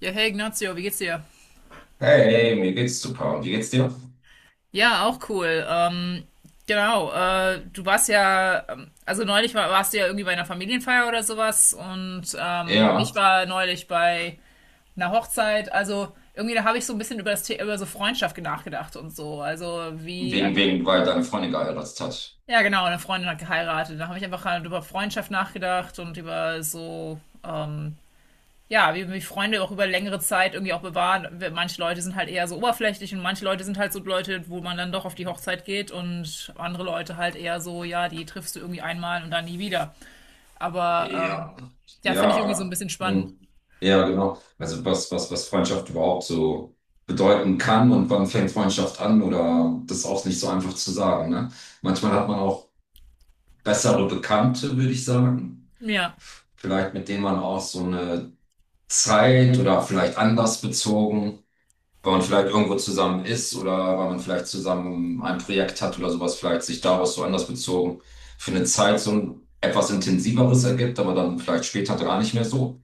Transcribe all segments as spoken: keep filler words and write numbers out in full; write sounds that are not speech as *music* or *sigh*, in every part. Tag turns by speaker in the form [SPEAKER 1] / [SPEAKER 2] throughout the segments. [SPEAKER 1] Ja, hey Ignazio, wie geht's dir?
[SPEAKER 2] Hey, hey, mir geht's super. Und wie geht's dir?
[SPEAKER 1] Ja, auch cool. Ähm, genau, äh, Du warst ja, ähm, also neulich war, warst du ja irgendwie bei einer Familienfeier oder sowas. Und ähm,
[SPEAKER 2] Ja,
[SPEAKER 1] ich war neulich bei einer Hochzeit. Also irgendwie da habe ich so ein bisschen über das The über so Freundschaft nachgedacht und so. Also wie
[SPEAKER 2] wegen,
[SPEAKER 1] einfach,
[SPEAKER 2] wegen, weil deine Freundin geheiratet hat.
[SPEAKER 1] ja genau, eine Freundin hat geheiratet. Da habe ich einfach halt über Freundschaft nachgedacht und über so ähm, ja, wie mich Freunde auch über längere Zeit irgendwie auch bewahren. Manche Leute sind halt eher so oberflächlich, und manche Leute sind halt so Leute, wo man dann doch auf die Hochzeit geht, und andere Leute halt eher so, ja, die triffst du irgendwie einmal und dann nie wieder. Aber ähm,
[SPEAKER 2] Ja.
[SPEAKER 1] ja, finde ich irgendwie so ein
[SPEAKER 2] Ja.
[SPEAKER 1] bisschen spannend.
[SPEAKER 2] Hm. Ja, genau. Also was, was, was Freundschaft überhaupt so bedeuten kann und wann fängt Freundschaft an oder das ist auch nicht so einfach zu sagen, ne? Manchmal hat man auch bessere Bekannte, würde ich sagen.
[SPEAKER 1] Ja,
[SPEAKER 2] Vielleicht mit denen man auch so eine Zeit oder vielleicht anders bezogen. Weil man vielleicht irgendwo zusammen ist oder weil man vielleicht zusammen ein Projekt hat oder sowas, vielleicht sich daraus so anders bezogen für eine Zeit so ein etwas intensiveres ergibt, aber dann vielleicht später gar nicht mehr so.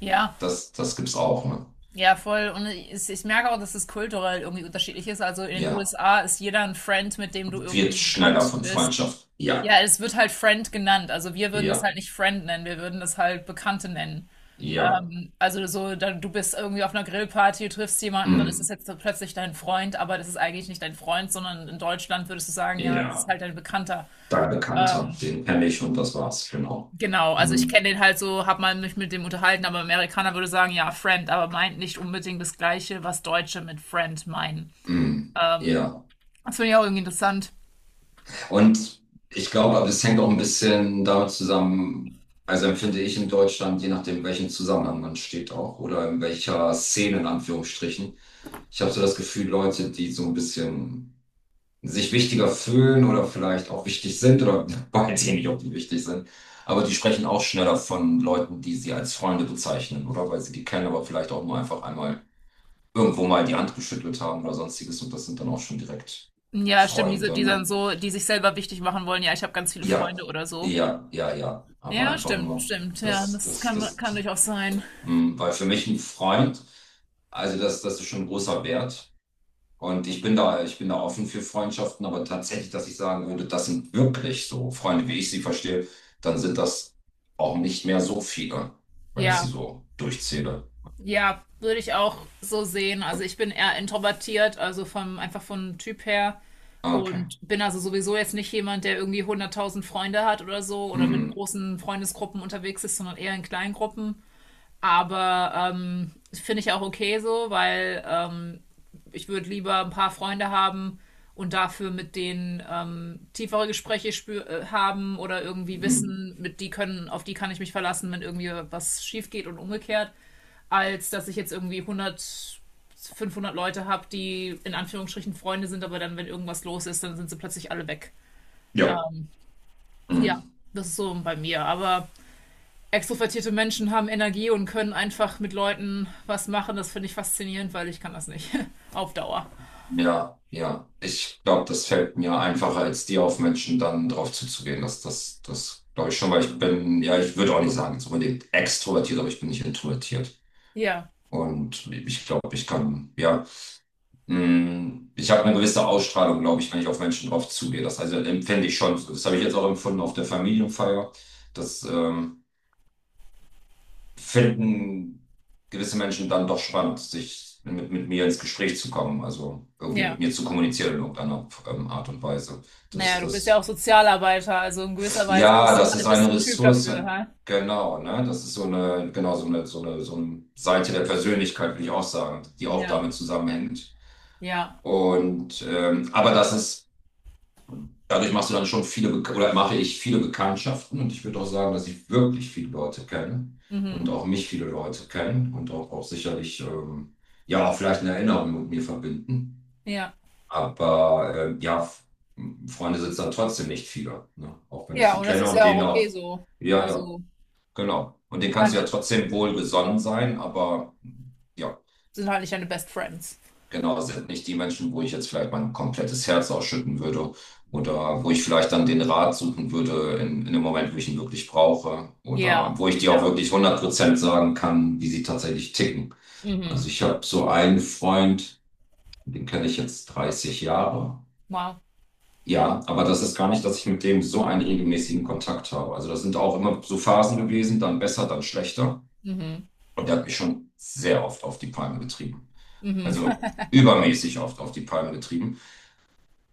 [SPEAKER 1] ja,
[SPEAKER 2] Das, das gibt's auch, ne?
[SPEAKER 1] ja, voll. Und ich, ich merke auch, dass es kulturell irgendwie unterschiedlich ist. Also in den
[SPEAKER 2] Ja.
[SPEAKER 1] U S A ist jeder ein Friend, mit dem du
[SPEAKER 2] Wird
[SPEAKER 1] irgendwie bekannt
[SPEAKER 2] schneller von
[SPEAKER 1] bist.
[SPEAKER 2] Freundschaft. Ja,
[SPEAKER 1] Ja, es wird halt Friend genannt. Also wir würden das
[SPEAKER 2] ja,
[SPEAKER 1] halt nicht Friend nennen, wir würden das halt Bekannte nennen.
[SPEAKER 2] ja.
[SPEAKER 1] Ähm, also so, da, du bist irgendwie auf einer Grillparty, du triffst jemanden, dann ist das
[SPEAKER 2] Mm,
[SPEAKER 1] jetzt so plötzlich dein Freund, aber das ist eigentlich nicht dein Freund, sondern in Deutschland würdest du sagen, ja, das ist
[SPEAKER 2] ja.
[SPEAKER 1] halt dein Bekannter.
[SPEAKER 2] Dein Bekannter,
[SPEAKER 1] Ähm,
[SPEAKER 2] den kenne ich und das war's, genau.
[SPEAKER 1] genau, also ich
[SPEAKER 2] Mm,
[SPEAKER 1] kenne den halt so, habe mal mich mit dem unterhalten, aber Amerikaner würde sagen, ja, Friend, aber meint nicht unbedingt das Gleiche, was Deutsche mit Friend meinen.
[SPEAKER 2] mm,
[SPEAKER 1] Ähm,
[SPEAKER 2] ja.
[SPEAKER 1] Das finde ich auch irgendwie interessant.
[SPEAKER 2] Und ich glaube, aber es hängt auch ein bisschen damit zusammen, also empfinde ich in Deutschland, je nachdem, in welchem Zusammenhang man steht auch oder in welcher Szene in Anführungsstrichen. Ich habe so das Gefühl, Leute, die so ein bisschen sich wichtiger fühlen oder vielleicht auch wichtig sind oder *laughs* weiß ich nicht, ob die wichtig sind, aber die sprechen auch schneller von Leuten, die sie als Freunde bezeichnen oder weil sie die kennen, aber vielleicht auch nur einfach einmal irgendwo mal die Hand geschüttelt haben oder sonstiges und das sind dann auch schon direkt
[SPEAKER 1] Ja, stimmt, diese,
[SPEAKER 2] Freunde,
[SPEAKER 1] die dann
[SPEAKER 2] ne?
[SPEAKER 1] so, die sich selber wichtig machen wollen, ja, ich habe ganz viele Freunde
[SPEAKER 2] Ja,
[SPEAKER 1] oder so.
[SPEAKER 2] ja, ja, ja. Aber
[SPEAKER 1] Ja,
[SPEAKER 2] einfach
[SPEAKER 1] stimmt,
[SPEAKER 2] nur,
[SPEAKER 1] stimmt. Ja,
[SPEAKER 2] das,
[SPEAKER 1] das
[SPEAKER 2] das,
[SPEAKER 1] kann,
[SPEAKER 2] das,
[SPEAKER 1] kann durchaus sein.
[SPEAKER 2] mh, weil für mich ein Freund, also das, das ist schon ein großer Wert. Und ich bin da, ich bin da offen für Freundschaften, aber tatsächlich, dass ich sagen würde, das sind wirklich so Freunde, wie ich sie verstehe, dann sind das auch nicht mehr so viele, wenn ich sie
[SPEAKER 1] Ja,
[SPEAKER 2] so durchzähle.
[SPEAKER 1] ja, Würde ich auch so sehen. Also ich bin eher introvertiert, also vom, einfach vom Typ her.
[SPEAKER 2] Ah, okay.
[SPEAKER 1] Und bin also sowieso jetzt nicht jemand, der irgendwie hunderttausend Freunde hat oder so oder mit
[SPEAKER 2] Mhm.
[SPEAKER 1] großen Freundesgruppen unterwegs ist, sondern eher in kleinen Gruppen. Aber ähm, finde ich auch okay so, weil ähm, ich würde lieber ein paar Freunde haben und dafür mit denen ähm, tiefere Gespräche spür äh, haben, oder irgendwie
[SPEAKER 2] Mhm.
[SPEAKER 1] wissen, mit die können, auf die kann ich mich verlassen, wenn irgendwie was schief geht und umgekehrt, als dass ich jetzt irgendwie hundert, fünfhundert Leute habe, die in Anführungsstrichen Freunde sind, aber dann, wenn irgendwas los ist, dann sind sie plötzlich alle weg.
[SPEAKER 2] Ja.
[SPEAKER 1] Ähm, ja,
[SPEAKER 2] Mhm.
[SPEAKER 1] das ist so bei mir. Aber extrovertierte Menschen haben Energie und können einfach mit Leuten was machen. Das finde ich faszinierend, weil ich kann das nicht. *laughs* Auf Dauer.
[SPEAKER 2] Ja, ja. Ich glaube, das fällt mir einfacher, als dir auf Menschen dann drauf zuzugehen. Das, das, das glaube ich schon, weil ich bin, ja, ich würde auch nicht sagen, so unbedingt extrovertiert, aber ich bin nicht introvertiert.
[SPEAKER 1] Ja,
[SPEAKER 2] Und ich glaube, ich kann, ja, mh, ich habe eine gewisse Ausstrahlung, glaube ich, wenn ich auf Menschen drauf zugehe. Das also empfinde ich schon. Das habe ich jetzt auch empfunden auf der Familienfeier. Das, ähm, finden gewisse Menschen dann doch spannend, sich mit, mit mir ins Gespräch zu kommen, also irgendwie mit
[SPEAKER 1] ja.
[SPEAKER 2] mir zu kommunizieren in irgendeiner ähm, Art und Weise. Das,
[SPEAKER 1] Naja, du bist ja auch
[SPEAKER 2] das,
[SPEAKER 1] Sozialarbeiter, also in gewisser Weise
[SPEAKER 2] ja,
[SPEAKER 1] bist du
[SPEAKER 2] das ist
[SPEAKER 1] halt bist
[SPEAKER 2] eine
[SPEAKER 1] du ein Typ
[SPEAKER 2] Ressource,
[SPEAKER 1] dafür, hä?
[SPEAKER 2] genau, ne? Das ist so eine, genau, so eine, so eine, so eine Seite der Persönlichkeit, würde ich auch sagen, die auch
[SPEAKER 1] Ja,
[SPEAKER 2] damit zusammenhängt.
[SPEAKER 1] ja,
[SPEAKER 2] Und ähm, aber das ist dadurch machst du dann schon viele, Bek- oder mache ich viele Bekanntschaften und ich würde auch sagen, dass ich wirklich viele Leute kenne und
[SPEAKER 1] mhm.
[SPEAKER 2] auch mich viele Leute kennen und auch, auch sicherlich, ähm, ja, auch vielleicht eine Erinnerung mit mir verbinden.
[SPEAKER 1] Ja.
[SPEAKER 2] Aber ähm, ja, F- Freunde sind dann trotzdem nicht viele, ne? Auch wenn ich
[SPEAKER 1] Ja,
[SPEAKER 2] sie
[SPEAKER 1] und das
[SPEAKER 2] kenne
[SPEAKER 1] ist
[SPEAKER 2] und
[SPEAKER 1] ja auch
[SPEAKER 2] denen
[SPEAKER 1] okay
[SPEAKER 2] auch,
[SPEAKER 1] so.
[SPEAKER 2] ja, ja,
[SPEAKER 1] Also,
[SPEAKER 2] genau. Und denen
[SPEAKER 1] man
[SPEAKER 2] kannst
[SPEAKER 1] kann
[SPEAKER 2] du ja
[SPEAKER 1] ja.
[SPEAKER 2] trotzdem wohlgesonnen sein, aber ja.
[SPEAKER 1] Sind halt nicht deine Best Friends.
[SPEAKER 2] Genau, sind nicht die Menschen, wo ich jetzt vielleicht mein komplettes Herz ausschütten würde oder wo ich vielleicht dann den Rat suchen würde in, in dem Moment, wo ich ihn wirklich brauche oder
[SPEAKER 1] Ja,
[SPEAKER 2] wo ich dir auch
[SPEAKER 1] ja.
[SPEAKER 2] wirklich hundert Prozent sagen kann, wie sie tatsächlich ticken. Also
[SPEAKER 1] Mhm.
[SPEAKER 2] ich habe so einen Freund, den kenne ich jetzt dreißig Jahre.
[SPEAKER 1] Wow.
[SPEAKER 2] Ja, aber das ist gar nicht, dass ich mit dem so einen regelmäßigen Kontakt habe. Also das sind auch immer so Phasen gewesen, dann besser, dann schlechter.
[SPEAKER 1] Mhm.
[SPEAKER 2] Und der hat mich schon sehr oft auf die Palme getrieben.
[SPEAKER 1] Mhm.
[SPEAKER 2] Also übermäßig oft auf die Palme getrieben.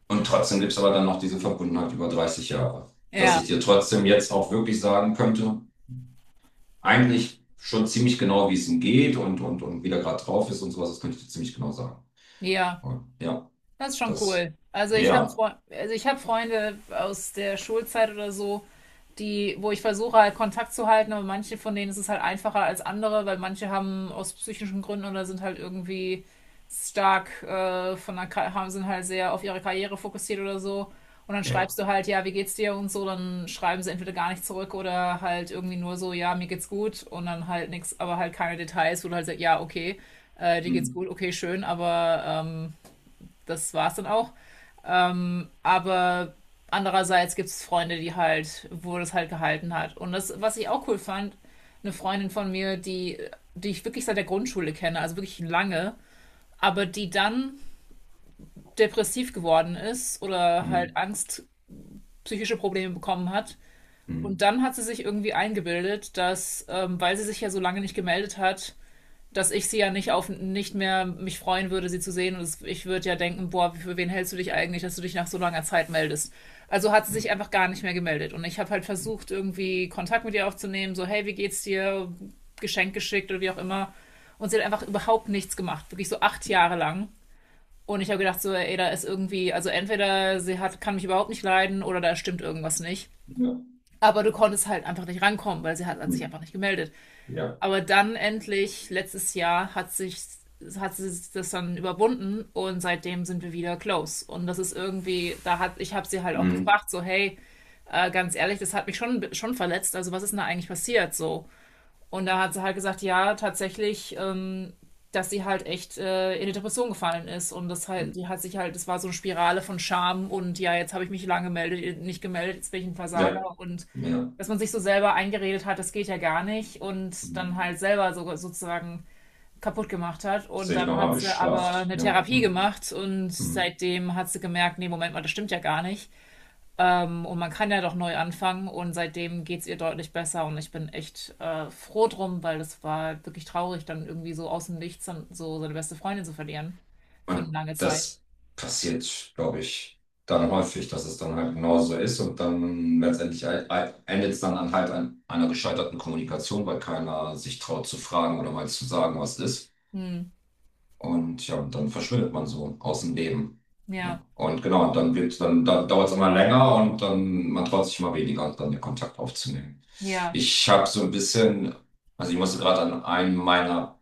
[SPEAKER 2] Und trotzdem gibt es aber dann noch diese Verbundenheit über dreißig Jahre, dass ich
[SPEAKER 1] Ja,
[SPEAKER 2] dir trotzdem jetzt auch wirklich sagen könnte, eigentlich schon ziemlich genau, wie es ihm geht und, und, und wie der gerade drauf ist und sowas, das könnte ich dir ziemlich genau sagen.
[SPEAKER 1] ja.
[SPEAKER 2] Und ja,
[SPEAKER 1] Das ist schon
[SPEAKER 2] das,
[SPEAKER 1] cool. Also ich habe
[SPEAKER 2] ja,
[SPEAKER 1] also ich habe Freunde aus der Schulzeit oder so, die, wo ich versuche halt Kontakt zu halten, aber manche von denen ist es halt einfacher als andere, weil manche haben aus psychischen Gründen oder sind halt irgendwie stark äh, von der, Ka- haben sind halt sehr auf ihre Karriere fokussiert oder so. Und dann
[SPEAKER 2] ja.
[SPEAKER 1] schreibst du halt, ja, wie geht's dir und so, dann schreiben sie entweder gar nicht zurück oder halt irgendwie nur so, ja, mir geht's gut und dann halt nichts, aber halt keine Details, wo du halt sagst, ja, okay, äh, dir geht's
[SPEAKER 2] Mm,
[SPEAKER 1] gut, okay, schön, aber ähm, das war's dann auch. Aber andererseits gibt es Freunde, die halt, wo das halt gehalten hat. Und das, was ich auch cool fand, eine Freundin von mir, die, die ich wirklich seit der Grundschule kenne, also wirklich lange, aber die dann depressiv geworden ist oder halt
[SPEAKER 2] mm,
[SPEAKER 1] Angst, psychische Probleme bekommen hat. Und
[SPEAKER 2] mm,
[SPEAKER 1] dann hat sie sich irgendwie eingebildet, dass, ähm, weil sie sich ja so lange nicht gemeldet hat, dass ich sie ja nicht auf nicht mehr mich freuen würde, sie zu sehen. Und ich würde ja denken, boah, für wen hältst du dich eigentlich, dass du dich nach so langer Zeit meldest? Also hat sie
[SPEAKER 2] mm,
[SPEAKER 1] sich einfach gar nicht mehr gemeldet. Und ich habe halt versucht, irgendwie Kontakt mit ihr aufzunehmen, so, hey, wie geht's dir? Geschenk geschickt oder wie auch immer. Und sie hat einfach überhaupt nichts gemacht, wirklich so acht Jahre lang. Und ich habe gedacht, so, ey, da ist irgendwie, also entweder sie hat, kann mich überhaupt nicht leiden, oder da stimmt irgendwas nicht.
[SPEAKER 2] ja,
[SPEAKER 1] Aber du konntest halt einfach nicht rankommen, weil sie hat, hat sich
[SPEAKER 2] mm,
[SPEAKER 1] einfach nicht gemeldet.
[SPEAKER 2] ja,
[SPEAKER 1] Aber dann endlich, letztes Jahr, hat sich, hat sie das dann überwunden, und seitdem sind wir wieder close. Und das ist irgendwie, da hat, ich habe sie halt auch
[SPEAKER 2] mm,
[SPEAKER 1] gefragt, so, hey, äh, ganz ehrlich, das hat mich schon, schon verletzt. Also was ist denn da eigentlich passiert? So. Und da hat sie halt gesagt, ja, tatsächlich, ähm, dass sie halt echt äh, in die Depression gefallen ist. Und das halt,
[SPEAKER 2] mm,
[SPEAKER 1] die hat sich halt, das war so eine Spirale von Scham und ja, jetzt habe ich mich lange gemeldet, nicht gemeldet, jetzt bin ich ein
[SPEAKER 2] ja,
[SPEAKER 1] Versager, und
[SPEAKER 2] ja.
[SPEAKER 1] dass man sich so selber eingeredet hat, das geht ja gar nicht, und dann
[SPEAKER 2] Mm.
[SPEAKER 1] halt selber so, sozusagen kaputt gemacht hat.
[SPEAKER 2] Das
[SPEAKER 1] Und
[SPEAKER 2] sehe ich
[SPEAKER 1] dann
[SPEAKER 2] nochmal
[SPEAKER 1] hat sie aber
[SPEAKER 2] bestraft.
[SPEAKER 1] eine
[SPEAKER 2] Ja.
[SPEAKER 1] Therapie
[SPEAKER 2] Mm,
[SPEAKER 1] gemacht, und
[SPEAKER 2] mm.
[SPEAKER 1] seitdem hat sie gemerkt, nee, Moment mal, das stimmt ja gar nicht. Ähm, und man kann ja doch neu anfangen, und seitdem geht es ihr deutlich besser, und ich bin echt äh, froh drum, weil das war wirklich traurig, dann irgendwie so aus dem Nichts dann so seine beste Freundin zu verlieren für eine
[SPEAKER 2] Und
[SPEAKER 1] lange Zeit.
[SPEAKER 2] das passiert, glaube ich, dann häufig, dass es dann halt genauso ist und dann letztendlich halt- halt endet es dann an halt an einer gescheiterten Kommunikation, weil keiner sich traut zu fragen oder mal zu sagen, was ist.
[SPEAKER 1] Hm.
[SPEAKER 2] Und ja, und dann verschwindet man so aus dem Leben.
[SPEAKER 1] Ja,
[SPEAKER 2] Ne? Und genau, und dann wird, dann, dann dauert es immer länger und dann man traut sich immer weniger, dann den Kontakt aufzunehmen.
[SPEAKER 1] ja.
[SPEAKER 2] Ich habe so ein bisschen, also ich musste gerade an einen meiner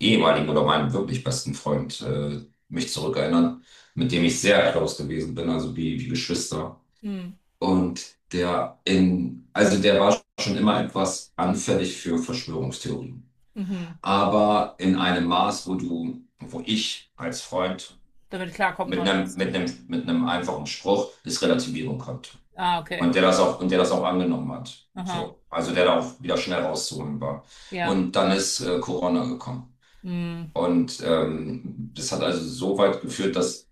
[SPEAKER 2] ehemaligen oder meinem wirklich besten Freund äh, mich zurückerinnern, mit dem ich sehr close gewesen bin, also wie, wie Geschwister.
[SPEAKER 1] Hm.
[SPEAKER 2] Und der in, also der war schon immer etwas anfällig für Verschwörungstheorien.
[SPEAKER 1] Mhm.
[SPEAKER 2] Aber in einem Maß, wo du, wo ich als Freund
[SPEAKER 1] Damit du klarkommen
[SPEAKER 2] mit einem,
[SPEAKER 1] konntest.
[SPEAKER 2] mit einem, mit einem einfachen Spruch es relativieren konnte.
[SPEAKER 1] Ah, okay.
[SPEAKER 2] Und der das auch, und der das auch angenommen hat.
[SPEAKER 1] Aha.
[SPEAKER 2] So. Also der da auch wieder schnell rauszuholen war.
[SPEAKER 1] Ja.
[SPEAKER 2] Und dann ist äh, Corona gekommen.
[SPEAKER 1] Hm.
[SPEAKER 2] Und ähm, das hat also so weit geführt, dass,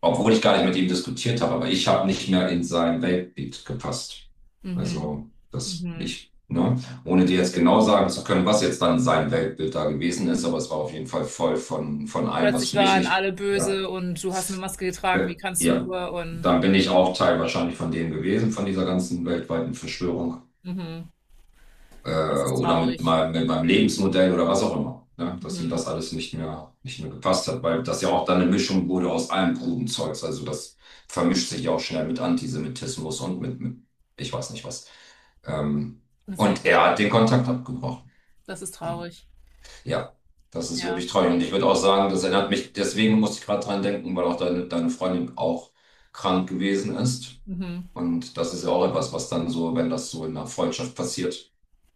[SPEAKER 2] obwohl ich gar nicht mit ihm diskutiert habe, aber ich habe nicht mehr in sein Weltbild gepasst.
[SPEAKER 1] Mhm.
[SPEAKER 2] Also, das
[SPEAKER 1] Mhm.
[SPEAKER 2] ich, ne, ohne dir jetzt genau sagen zu können, was jetzt dann sein Weltbild da gewesen ist, aber es war auf jeden Fall voll von, von allem, was
[SPEAKER 1] Plötzlich
[SPEAKER 2] für mich
[SPEAKER 1] waren
[SPEAKER 2] nicht,
[SPEAKER 1] alle
[SPEAKER 2] ja,
[SPEAKER 1] böse und du hast eine Maske getragen,
[SPEAKER 2] äh,
[SPEAKER 1] wie kannst du
[SPEAKER 2] ja,
[SPEAKER 1] nur? Und
[SPEAKER 2] dann bin ich auch Teil wahrscheinlich von dem gewesen, von dieser ganzen weltweiten Verschwörung.
[SPEAKER 1] mhm.
[SPEAKER 2] äh,
[SPEAKER 1] Das ist
[SPEAKER 2] oder mit
[SPEAKER 1] traurig.
[SPEAKER 2] meinem, mit meinem Lebensmodell oder was auch immer. Ne? Dass ihm
[SPEAKER 1] Mhm.
[SPEAKER 2] das alles nicht mehr, nicht mehr gepasst hat, weil das ja auch dann eine Mischung wurde aus allem kruden Zeugs. Also das vermischt sich ja auch schnell mit Antisemitismus und mit, mit ich weiß nicht was. Ähm,
[SPEAKER 1] Das ist ja
[SPEAKER 2] und
[SPEAKER 1] echt
[SPEAKER 2] er hat den
[SPEAKER 1] schlimm.
[SPEAKER 2] Kontakt abgebrochen.
[SPEAKER 1] Das ist traurig.
[SPEAKER 2] Ja, das ist
[SPEAKER 1] Ja.
[SPEAKER 2] wirklich traurig. Und ich würde auch sagen, das erinnert mich, deswegen musste ich gerade dran denken, weil auch deine, deine Freundin auch krank gewesen ist.
[SPEAKER 1] Mhm.
[SPEAKER 2] Und das ist ja auch etwas, was dann so, wenn das so in einer Freundschaft passiert,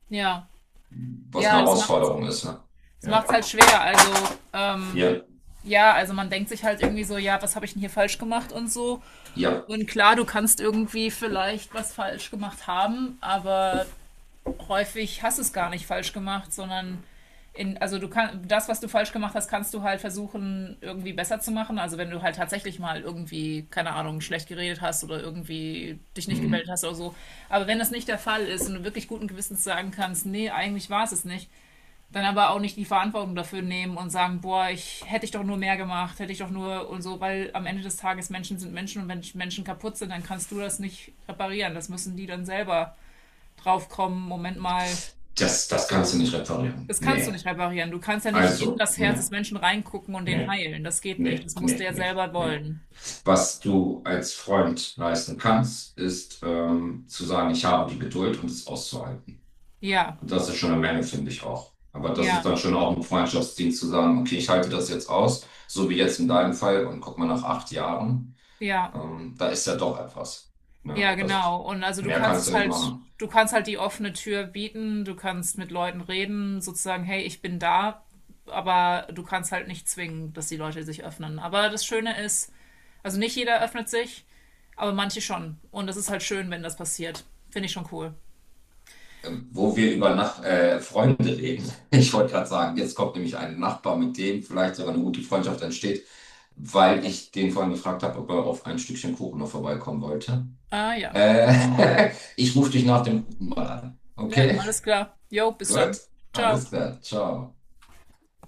[SPEAKER 1] Ja.
[SPEAKER 2] was
[SPEAKER 1] Ja,
[SPEAKER 2] eine
[SPEAKER 1] das macht
[SPEAKER 2] Herausforderung ist. Ne?
[SPEAKER 1] es
[SPEAKER 2] Ja,
[SPEAKER 1] macht's halt schwer. Also, ähm,
[SPEAKER 2] ja,
[SPEAKER 1] ja, also man denkt sich halt irgendwie so, ja, was habe ich denn hier falsch gemacht und so.
[SPEAKER 2] ja.
[SPEAKER 1] Und klar, du kannst irgendwie vielleicht was falsch gemacht haben, aber häufig hast du es gar nicht falsch gemacht, sondern in, also du kannst das, was du falsch gemacht hast, kannst du halt versuchen, irgendwie besser zu machen. Also wenn du halt tatsächlich mal irgendwie, keine Ahnung, schlecht geredet hast oder irgendwie dich nicht
[SPEAKER 2] Hm.
[SPEAKER 1] gemeldet hast oder so. Aber wenn das nicht der Fall ist, und du wirklich guten Gewissens sagen kannst, nee, eigentlich war es es nicht, dann aber auch nicht die Verantwortung dafür nehmen und sagen, boah, ich hätte ich doch nur mehr gemacht, hätte ich doch nur und so, weil am Ende des Tages Menschen sind Menschen, und wenn Menschen kaputt sind, dann kannst du das nicht reparieren. Das müssen die dann selber draufkommen. Moment mal,
[SPEAKER 2] Das, das kannst du
[SPEAKER 1] so,
[SPEAKER 2] nicht reparieren.
[SPEAKER 1] das kannst du
[SPEAKER 2] Nee.
[SPEAKER 1] nicht reparieren. Du kannst ja nicht in
[SPEAKER 2] Also,
[SPEAKER 1] das Herz
[SPEAKER 2] nee,
[SPEAKER 1] des Menschen reingucken und den
[SPEAKER 2] nee,
[SPEAKER 1] heilen. Das geht nicht.
[SPEAKER 2] nee,
[SPEAKER 1] Das musst du
[SPEAKER 2] nee,
[SPEAKER 1] ja
[SPEAKER 2] nee.
[SPEAKER 1] selber
[SPEAKER 2] Nee.
[SPEAKER 1] wollen.
[SPEAKER 2] Was du als Freund leisten kannst, ist ähm, zu sagen, ich habe die Geduld und es auszuhalten.
[SPEAKER 1] Ja,
[SPEAKER 2] Und das ist schon eine Menge, finde ich auch. Aber das ist
[SPEAKER 1] ja,
[SPEAKER 2] dann schon auch ein Freundschaftsdienst zu sagen, okay, ich halte das jetzt aus, so wie jetzt in deinem Fall, und guck mal nach acht Jahren,
[SPEAKER 1] ja,
[SPEAKER 2] ähm, da ist ja doch etwas. Ne?
[SPEAKER 1] ja,
[SPEAKER 2] Das,
[SPEAKER 1] genau. Und also du
[SPEAKER 2] mehr
[SPEAKER 1] kannst
[SPEAKER 2] kannst
[SPEAKER 1] es
[SPEAKER 2] du nicht
[SPEAKER 1] halt,
[SPEAKER 2] machen.
[SPEAKER 1] du kannst halt die offene Tür bieten, du kannst mit Leuten reden, sozusagen, hey, ich bin da, aber du kannst halt nicht zwingen, dass die Leute sich öffnen. Aber das Schöne ist, also nicht jeder öffnet sich, aber manche schon. Und das ist halt schön, wenn das passiert. Finde ich schon cool.
[SPEAKER 2] Wo wir über Nach äh, Freunde reden. *laughs* Ich wollte gerade sagen, jetzt kommt nämlich ein Nachbar, mit dem vielleicht sogar eine gute Freundschaft entsteht, weil ich den vorhin gefragt habe, ob er auf ein Stückchen Kuchen noch vorbeikommen wollte.
[SPEAKER 1] Ah ja.
[SPEAKER 2] Äh, *laughs* Ich rufe dich nach dem Kuchen mal an.
[SPEAKER 1] Ja,
[SPEAKER 2] Okay,
[SPEAKER 1] alles klar. Jo, bis
[SPEAKER 2] gut,
[SPEAKER 1] dann. Ciao.
[SPEAKER 2] alles klar, ciao.